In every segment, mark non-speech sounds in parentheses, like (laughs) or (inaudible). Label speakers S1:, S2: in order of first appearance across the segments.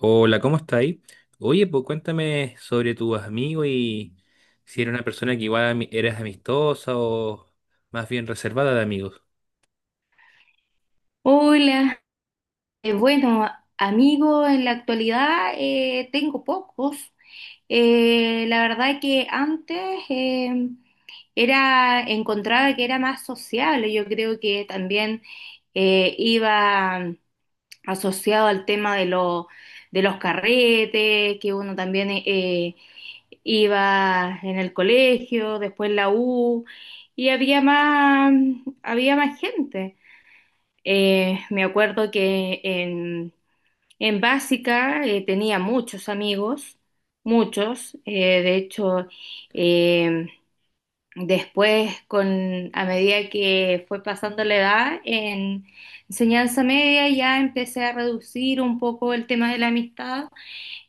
S1: Hola, ¿cómo estáis? Oye, pues cuéntame sobre tus amigos y si eres una persona que igual eres amistosa o más bien reservada de amigos.
S2: Hola. Eh, bueno, amigo, en la actualidad tengo pocos. La verdad que antes eh, encontraba que era más sociable. Yo creo que también iba asociado al tema de, de los carretes, que uno también iba en el colegio, después la U, y había más gente. Me acuerdo que en básica tenía muchos amigos, muchos. De hecho, eh, después, a medida que fue pasando la edad, en enseñanza media ya empecé a reducir un poco el tema de la amistad.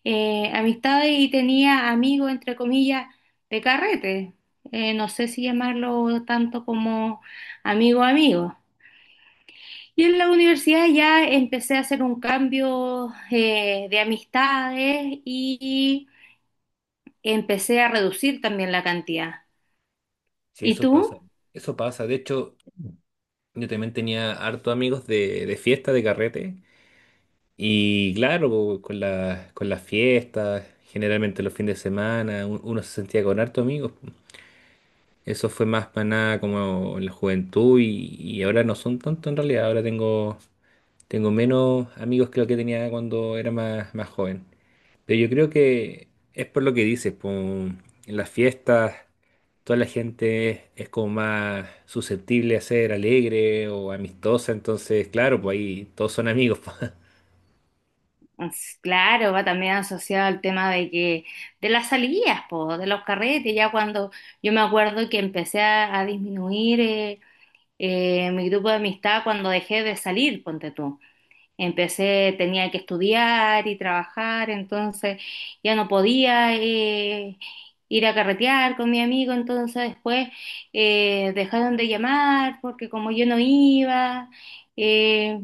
S2: Amistad y tenía amigos, entre comillas, de carrete. No sé si llamarlo tanto como amigo amigo. Yo en la universidad ya empecé a hacer un cambio de amistades y empecé a reducir también la cantidad.
S1: Sí,
S2: ¿Y
S1: eso pasa.
S2: tú?
S1: Eso pasa. De hecho, yo también tenía harto amigos de fiesta, de carrete. Y claro, pues, con las fiestas, generalmente los fines de semana, uno se sentía con harto amigos. Eso fue más para nada como en la juventud y ahora no son tanto en realidad. Ahora tengo Tengo menos amigos que lo que tenía cuando era más joven. Pero yo creo que es por lo que dices, po, en las fiestas toda la gente es como más susceptible a ser alegre o amistosa, entonces claro, pues ahí todos son amigos, po. (laughs)
S2: Pues, claro, va también asociado al tema de que de las salidas, po, de los carretes, ya cuando yo me acuerdo que empecé a disminuir mi grupo de amistad cuando dejé de salir, ponte tú. Empecé, tenía que estudiar y trabajar, entonces ya no podía ir a carretear con mi amigo, entonces después dejaron de llamar porque como yo no iba, eh,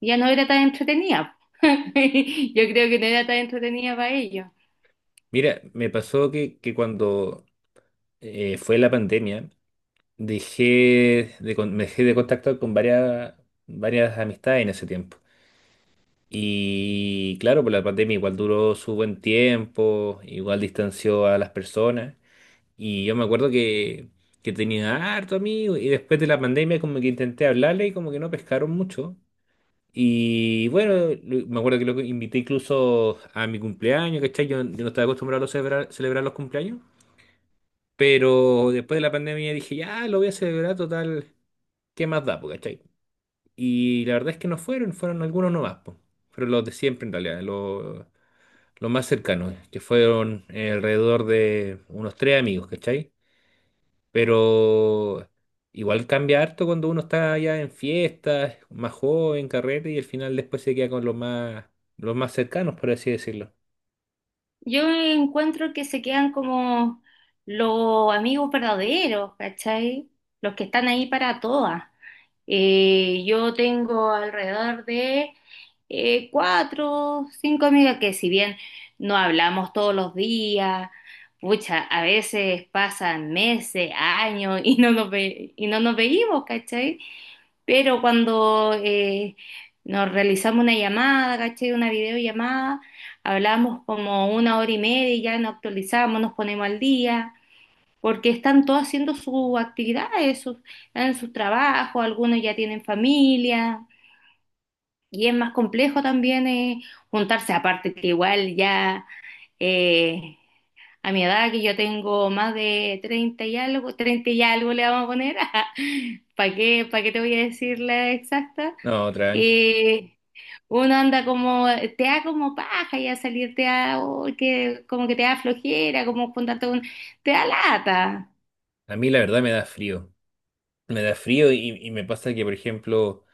S2: ya no era tan entretenida. (laughs) Yo creo que no era tan entretenida para ellos.
S1: Mira, me pasó que cuando fue la pandemia, dejé me dejé de contactar con varias amistades en ese tiempo. Y claro, pues la pandemia igual duró su buen tiempo, igual distanció a las personas. Y yo me acuerdo que tenía harto amigo y después de la pandemia como que intenté hablarle y como que no pescaron mucho. Y bueno, me acuerdo que lo invité incluso a mi cumpleaños, ¿cachai? Yo no estaba acostumbrado a celebrar los cumpleaños, pero después de la pandemia dije, ya, lo voy a celebrar total, ¿qué más da, po, cachai? Y la verdad es que no fueron, fueron algunos nomás, po. Fueron los de siempre en realidad, los... Lo más cercano, que fueron alrededor de unos tres amigos, ¿cachai? Pero igual cambia harto cuando uno está ya en fiestas, más joven, carrete, y al final después se queda con los los más cercanos, por así decirlo.
S2: Yo encuentro que se quedan como los amigos verdaderos, ¿cachai? Los que están ahí para todas. Yo tengo alrededor de cuatro, cinco amigas que si bien no hablamos todos los días, pucha, a veces pasan meses, años y y no nos veíamos, ¿cachai? Pero cuando nos realizamos una llamada, ¿cachai? Una videollamada, hablamos como una hora y media y ya nos actualizamos, nos ponemos al día porque están todos haciendo sus actividades, sus, están en sus trabajos, algunos ya tienen familia, y es más complejo también juntarse, aparte que igual ya eh, a mi edad, que yo tengo más de 30 y algo le vamos a poner, (laughs) para qué te voy a decir la exacta?
S1: No, tranqui.
S2: Eh, Uno anda como, te da como paja ya salir, te da, oh, que, como que te da flojera, como juntarte con, te da lata.
S1: A mí la verdad me da frío. Me da frío y me pasa que, por ejemplo,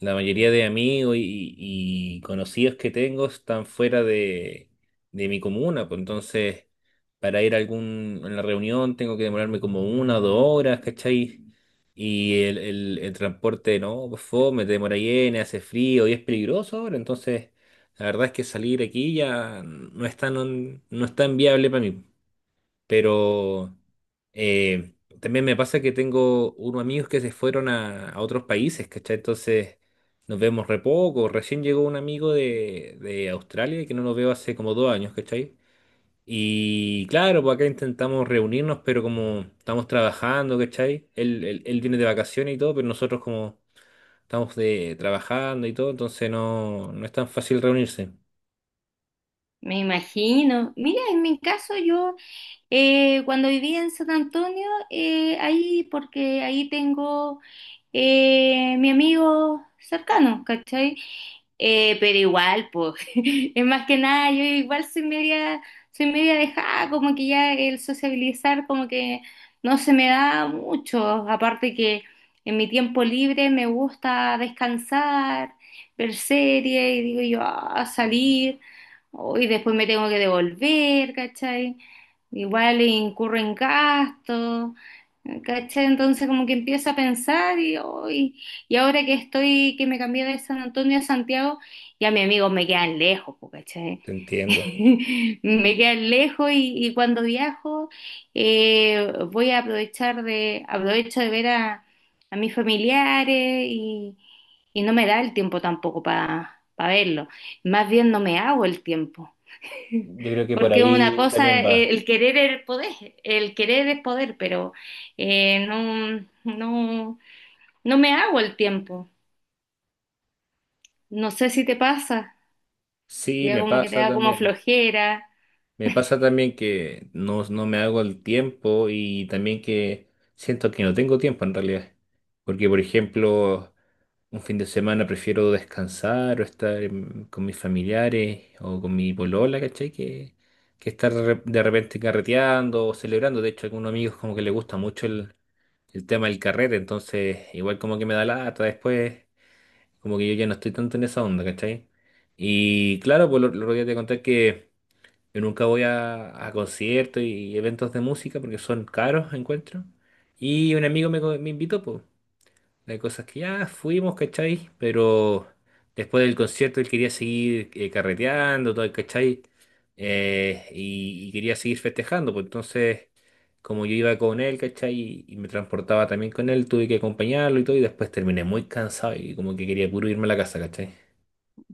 S1: la mayoría de amigos y conocidos que tengo están fuera de mi comuna, pues entonces para ir a a la reunión tengo que demorarme como 1 o 2 horas, ¿cachai? Y el transporte, no, pues fome, te demora llena, hace frío y es peligroso ahora, entonces la verdad es que salir aquí ya no es tan viable para mí. Pero eh, también me pasa que tengo unos amigos que se fueron a otros países, ¿cachai? Entonces nos vemos re poco. Recién llegó un amigo de Australia que no lo veo hace como 2 años, ¿cachai? Y claro, pues acá intentamos reunirnos, pero como estamos trabajando, ¿cachai? Él viene de vacaciones y todo, pero nosotros como estamos trabajando y todo, entonces no es tan fácil reunirse.
S2: Me imagino. Mira, en mi caso yo cuando vivía en San Antonio, ahí porque ahí tengo mi amigo cercano, ¿cachai? Pero igual, pues, (laughs) es más que nada, yo igual soy media dejada, como que ya el sociabilizar como que no se me da mucho. Aparte que en mi tiempo libre me gusta descansar, ver series y digo yo, "Ah, salir y después me tengo que devolver, ¿cachai? Igual incurro en gastos, ¿cachai?" Entonces como que empiezo a pensar y, hoy y ahora que estoy, que me cambié de San Antonio a Santiago, ya mis amigos me quedan lejos, po, ¿cachai?
S1: Te entiendo.
S2: (laughs) Me quedan lejos y cuando viajo voy a aprovechar de, aprovecho de ver a mis familiares y no me da el tiempo tampoco para verlos. Más bien no me hago el tiempo.
S1: Yo creo
S2: (laughs)
S1: que por
S2: Porque una
S1: ahí
S2: cosa,
S1: también va.
S2: el querer es el poder, el querer es poder, pero eh, no, no, no me hago el tiempo. No sé si te pasa, que
S1: Sí,
S2: ya
S1: me
S2: como que te
S1: pasa
S2: da como
S1: también.
S2: flojera.
S1: Me pasa también que no me hago el tiempo y también que siento que no tengo tiempo en realidad. Porque, por ejemplo, un fin de semana prefiero descansar o estar con mis familiares o con mi polola, ¿cachai? Que estar de repente carreteando o celebrando. De hecho, a algunos amigos como que les gusta mucho el tema del carrete, entonces igual como que me da lata después, como que yo ya no estoy tanto en esa onda, ¿cachai? Y claro, pues lo otro día te conté que... Yo nunca voy a conciertos y eventos de música porque son caros, encuentro. Y un amigo me invitó, pues. Hay cosas que ya fuimos, ¿cachai? Pero después del concierto él quería seguir carreteando, todo, ¿cachai? Y quería seguir festejando, pues entonces, como yo iba con él, ¿cachai? Y me transportaba también con él, tuve que acompañarlo y todo, y después terminé muy cansado y como que quería puro irme a la casa, ¿cachai?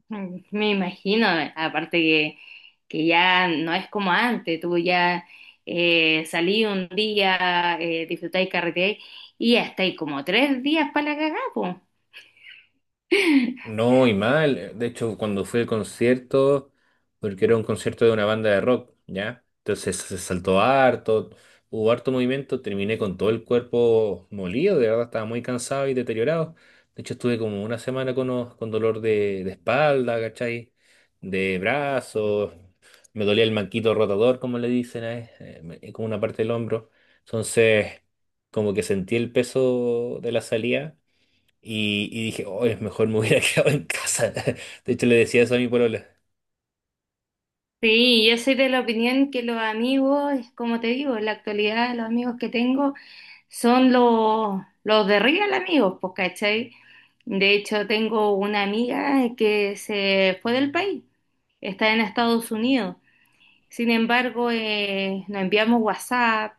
S2: Mm, me imagino, aparte que ya no es como antes, tú ya salí un día, disfrutáis carreteáis y ya estáis como tres días para la cagada, po.
S1: No, y mal. De hecho, cuando fui al concierto, porque era un concierto de una banda de rock, ¿ya? Entonces se saltó harto, hubo harto movimiento, terminé con todo el cuerpo molido, de verdad estaba muy cansado y deteriorado. De hecho, estuve como una semana con dolor de espalda, ¿cachai? De brazos, me dolía el manquito rotador, como le dicen, ¿eh? Como una parte del hombro. Entonces, como que sentí el peso de la salida. Y dije, oh, es mejor me hubiera (laughs) quedado en casa. De hecho, le decía eso a mi polola.
S2: Sí, yo soy de la opinión que los amigos, es como te digo, en la actualidad los amigos que tengo son los de real amigos, pues, ¿cachai? De hecho, tengo una amiga que se fue del país, está en Estados Unidos. Sin embargo, nos enviamos WhatsApp,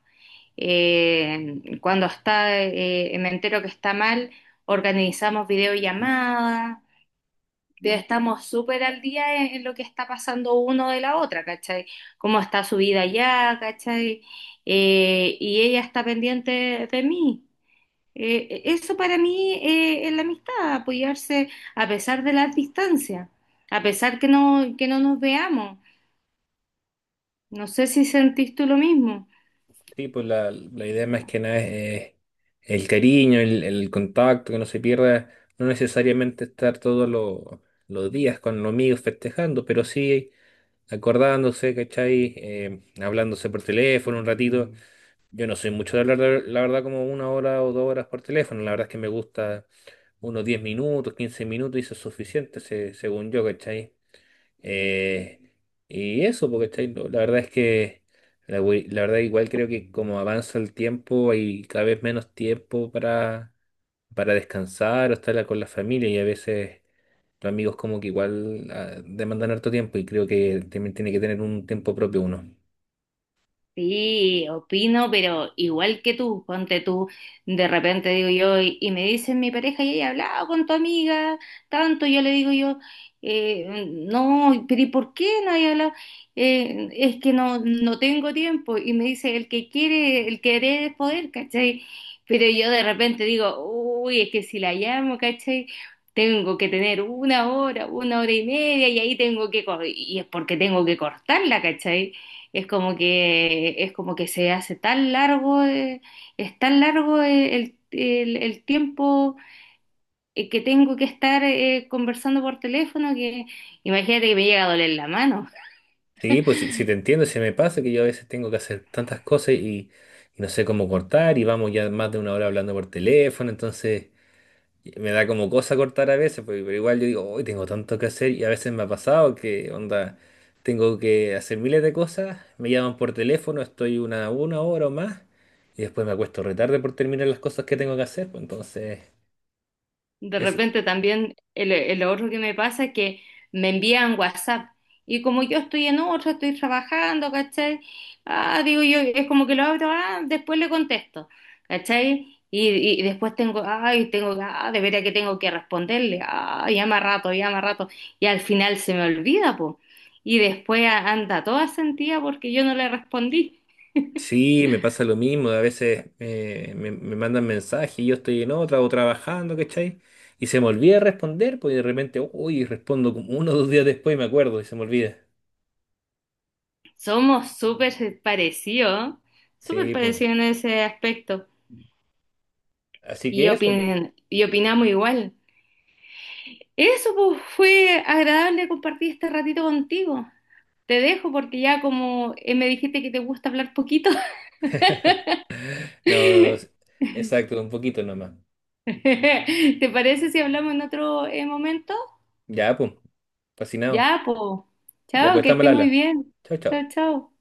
S2: me entero que está mal, organizamos videollamadas estamos súper al día en lo que está pasando uno de la otra, ¿cachai? Cómo está su vida allá, ¿cachai? Y ella está pendiente de mí. Eso para mí es la amistad, apoyarse a pesar de las distancias, a pesar que no nos veamos. No sé si sentís tú lo mismo.
S1: Sí, pues la idea más que nada es el cariño, el contacto, que no se pierda. No necesariamente estar todos los días con los amigos festejando, pero sí acordándose, ¿cachai? Hablándose por teléfono un ratito. Yo no soy mucho de hablar, la verdad, como 1 hora o 2 horas por teléfono. La verdad es que me gusta unos 10 minutos, 15 minutos, y eso es suficiente, según yo, ¿cachai? Eh, y eso, porque ¿cachai? No, la verdad es que la verdad igual creo que como avanza el tiempo hay cada vez menos tiempo para descansar o estar con la familia y a veces los amigos como que igual ah, demandan harto tiempo y creo que también tiene que tener un tiempo propio uno.
S2: Sí, opino, pero igual que tú, ponte tú, de repente digo yo, y me dicen mi pareja, y he hablado con tu amiga, tanto, yo le digo yo, no, pero ¿y por qué no hay hablado? Es que no, no tengo tiempo, y me dice, el que quiere, el querer es poder, ¿cachai? Pero yo de repente digo, uy, es que si la llamo, ¿cachai? Tengo que tener una hora y media, y ahí tengo y es porque tengo que cortarla, ¿cachai? Es como que se hace tan largo, es tan largo el tiempo que tengo que estar conversando por teléfono que imagínate que me llega a doler la mano.
S1: Sí, pues si te entiendo, se me pasa que yo a veces tengo que hacer tantas cosas y no sé cómo cortar y vamos ya más de 1 hora hablando por teléfono, entonces... Me da como cosa cortar a veces, porque- pero igual yo digo, hoy tengo tanto que hacer y a veces me ha pasado que, onda, tengo que hacer miles de cosas, me llaman por teléfono, estoy una hora o más y después me acuesto retarde por terminar las cosas que tengo que hacer. Pues entonces,
S2: De
S1: es,
S2: repente también el otro que me pasa es que me envían WhatsApp y como yo estoy en otra, estoy trabajando, ¿cachai? Ah, digo yo, es como que lo abro, ah, después le contesto, ¿cachai? Y después tengo, ay, tengo, ah, de veras que tengo que responderle, ah, llama rato, y al final se me olvida, po. Y después anda toda sentida porque yo no le respondí. (laughs)
S1: sí, me pasa lo mismo, a veces me mandan mensajes y yo estoy en otra o trabajando, ¿cachai? Y se me olvida responder, pues y de repente, uy, respondo como 1 o 2 días después y me acuerdo y se me olvida.
S2: Somos súper
S1: Sí, pues.
S2: parecidos en ese aspecto.
S1: Así
S2: Y,
S1: que eso, pues.
S2: y opinamos igual. Eso pues fue agradable compartir este ratito contigo. Te dejo porque ya como me dijiste que te gusta hablar poquito.
S1: (laughs)
S2: (laughs)
S1: No, exacto, un poquito nomás.
S2: ¿Te parece si hablamos en otro momento?
S1: Ya, pues, fascinado.
S2: Ya, pues.
S1: Ya,
S2: Chao,
S1: pues,
S2: que
S1: estamos al
S2: estés muy
S1: habla.
S2: bien.
S1: Chao,
S2: Chao,
S1: chao.
S2: chao.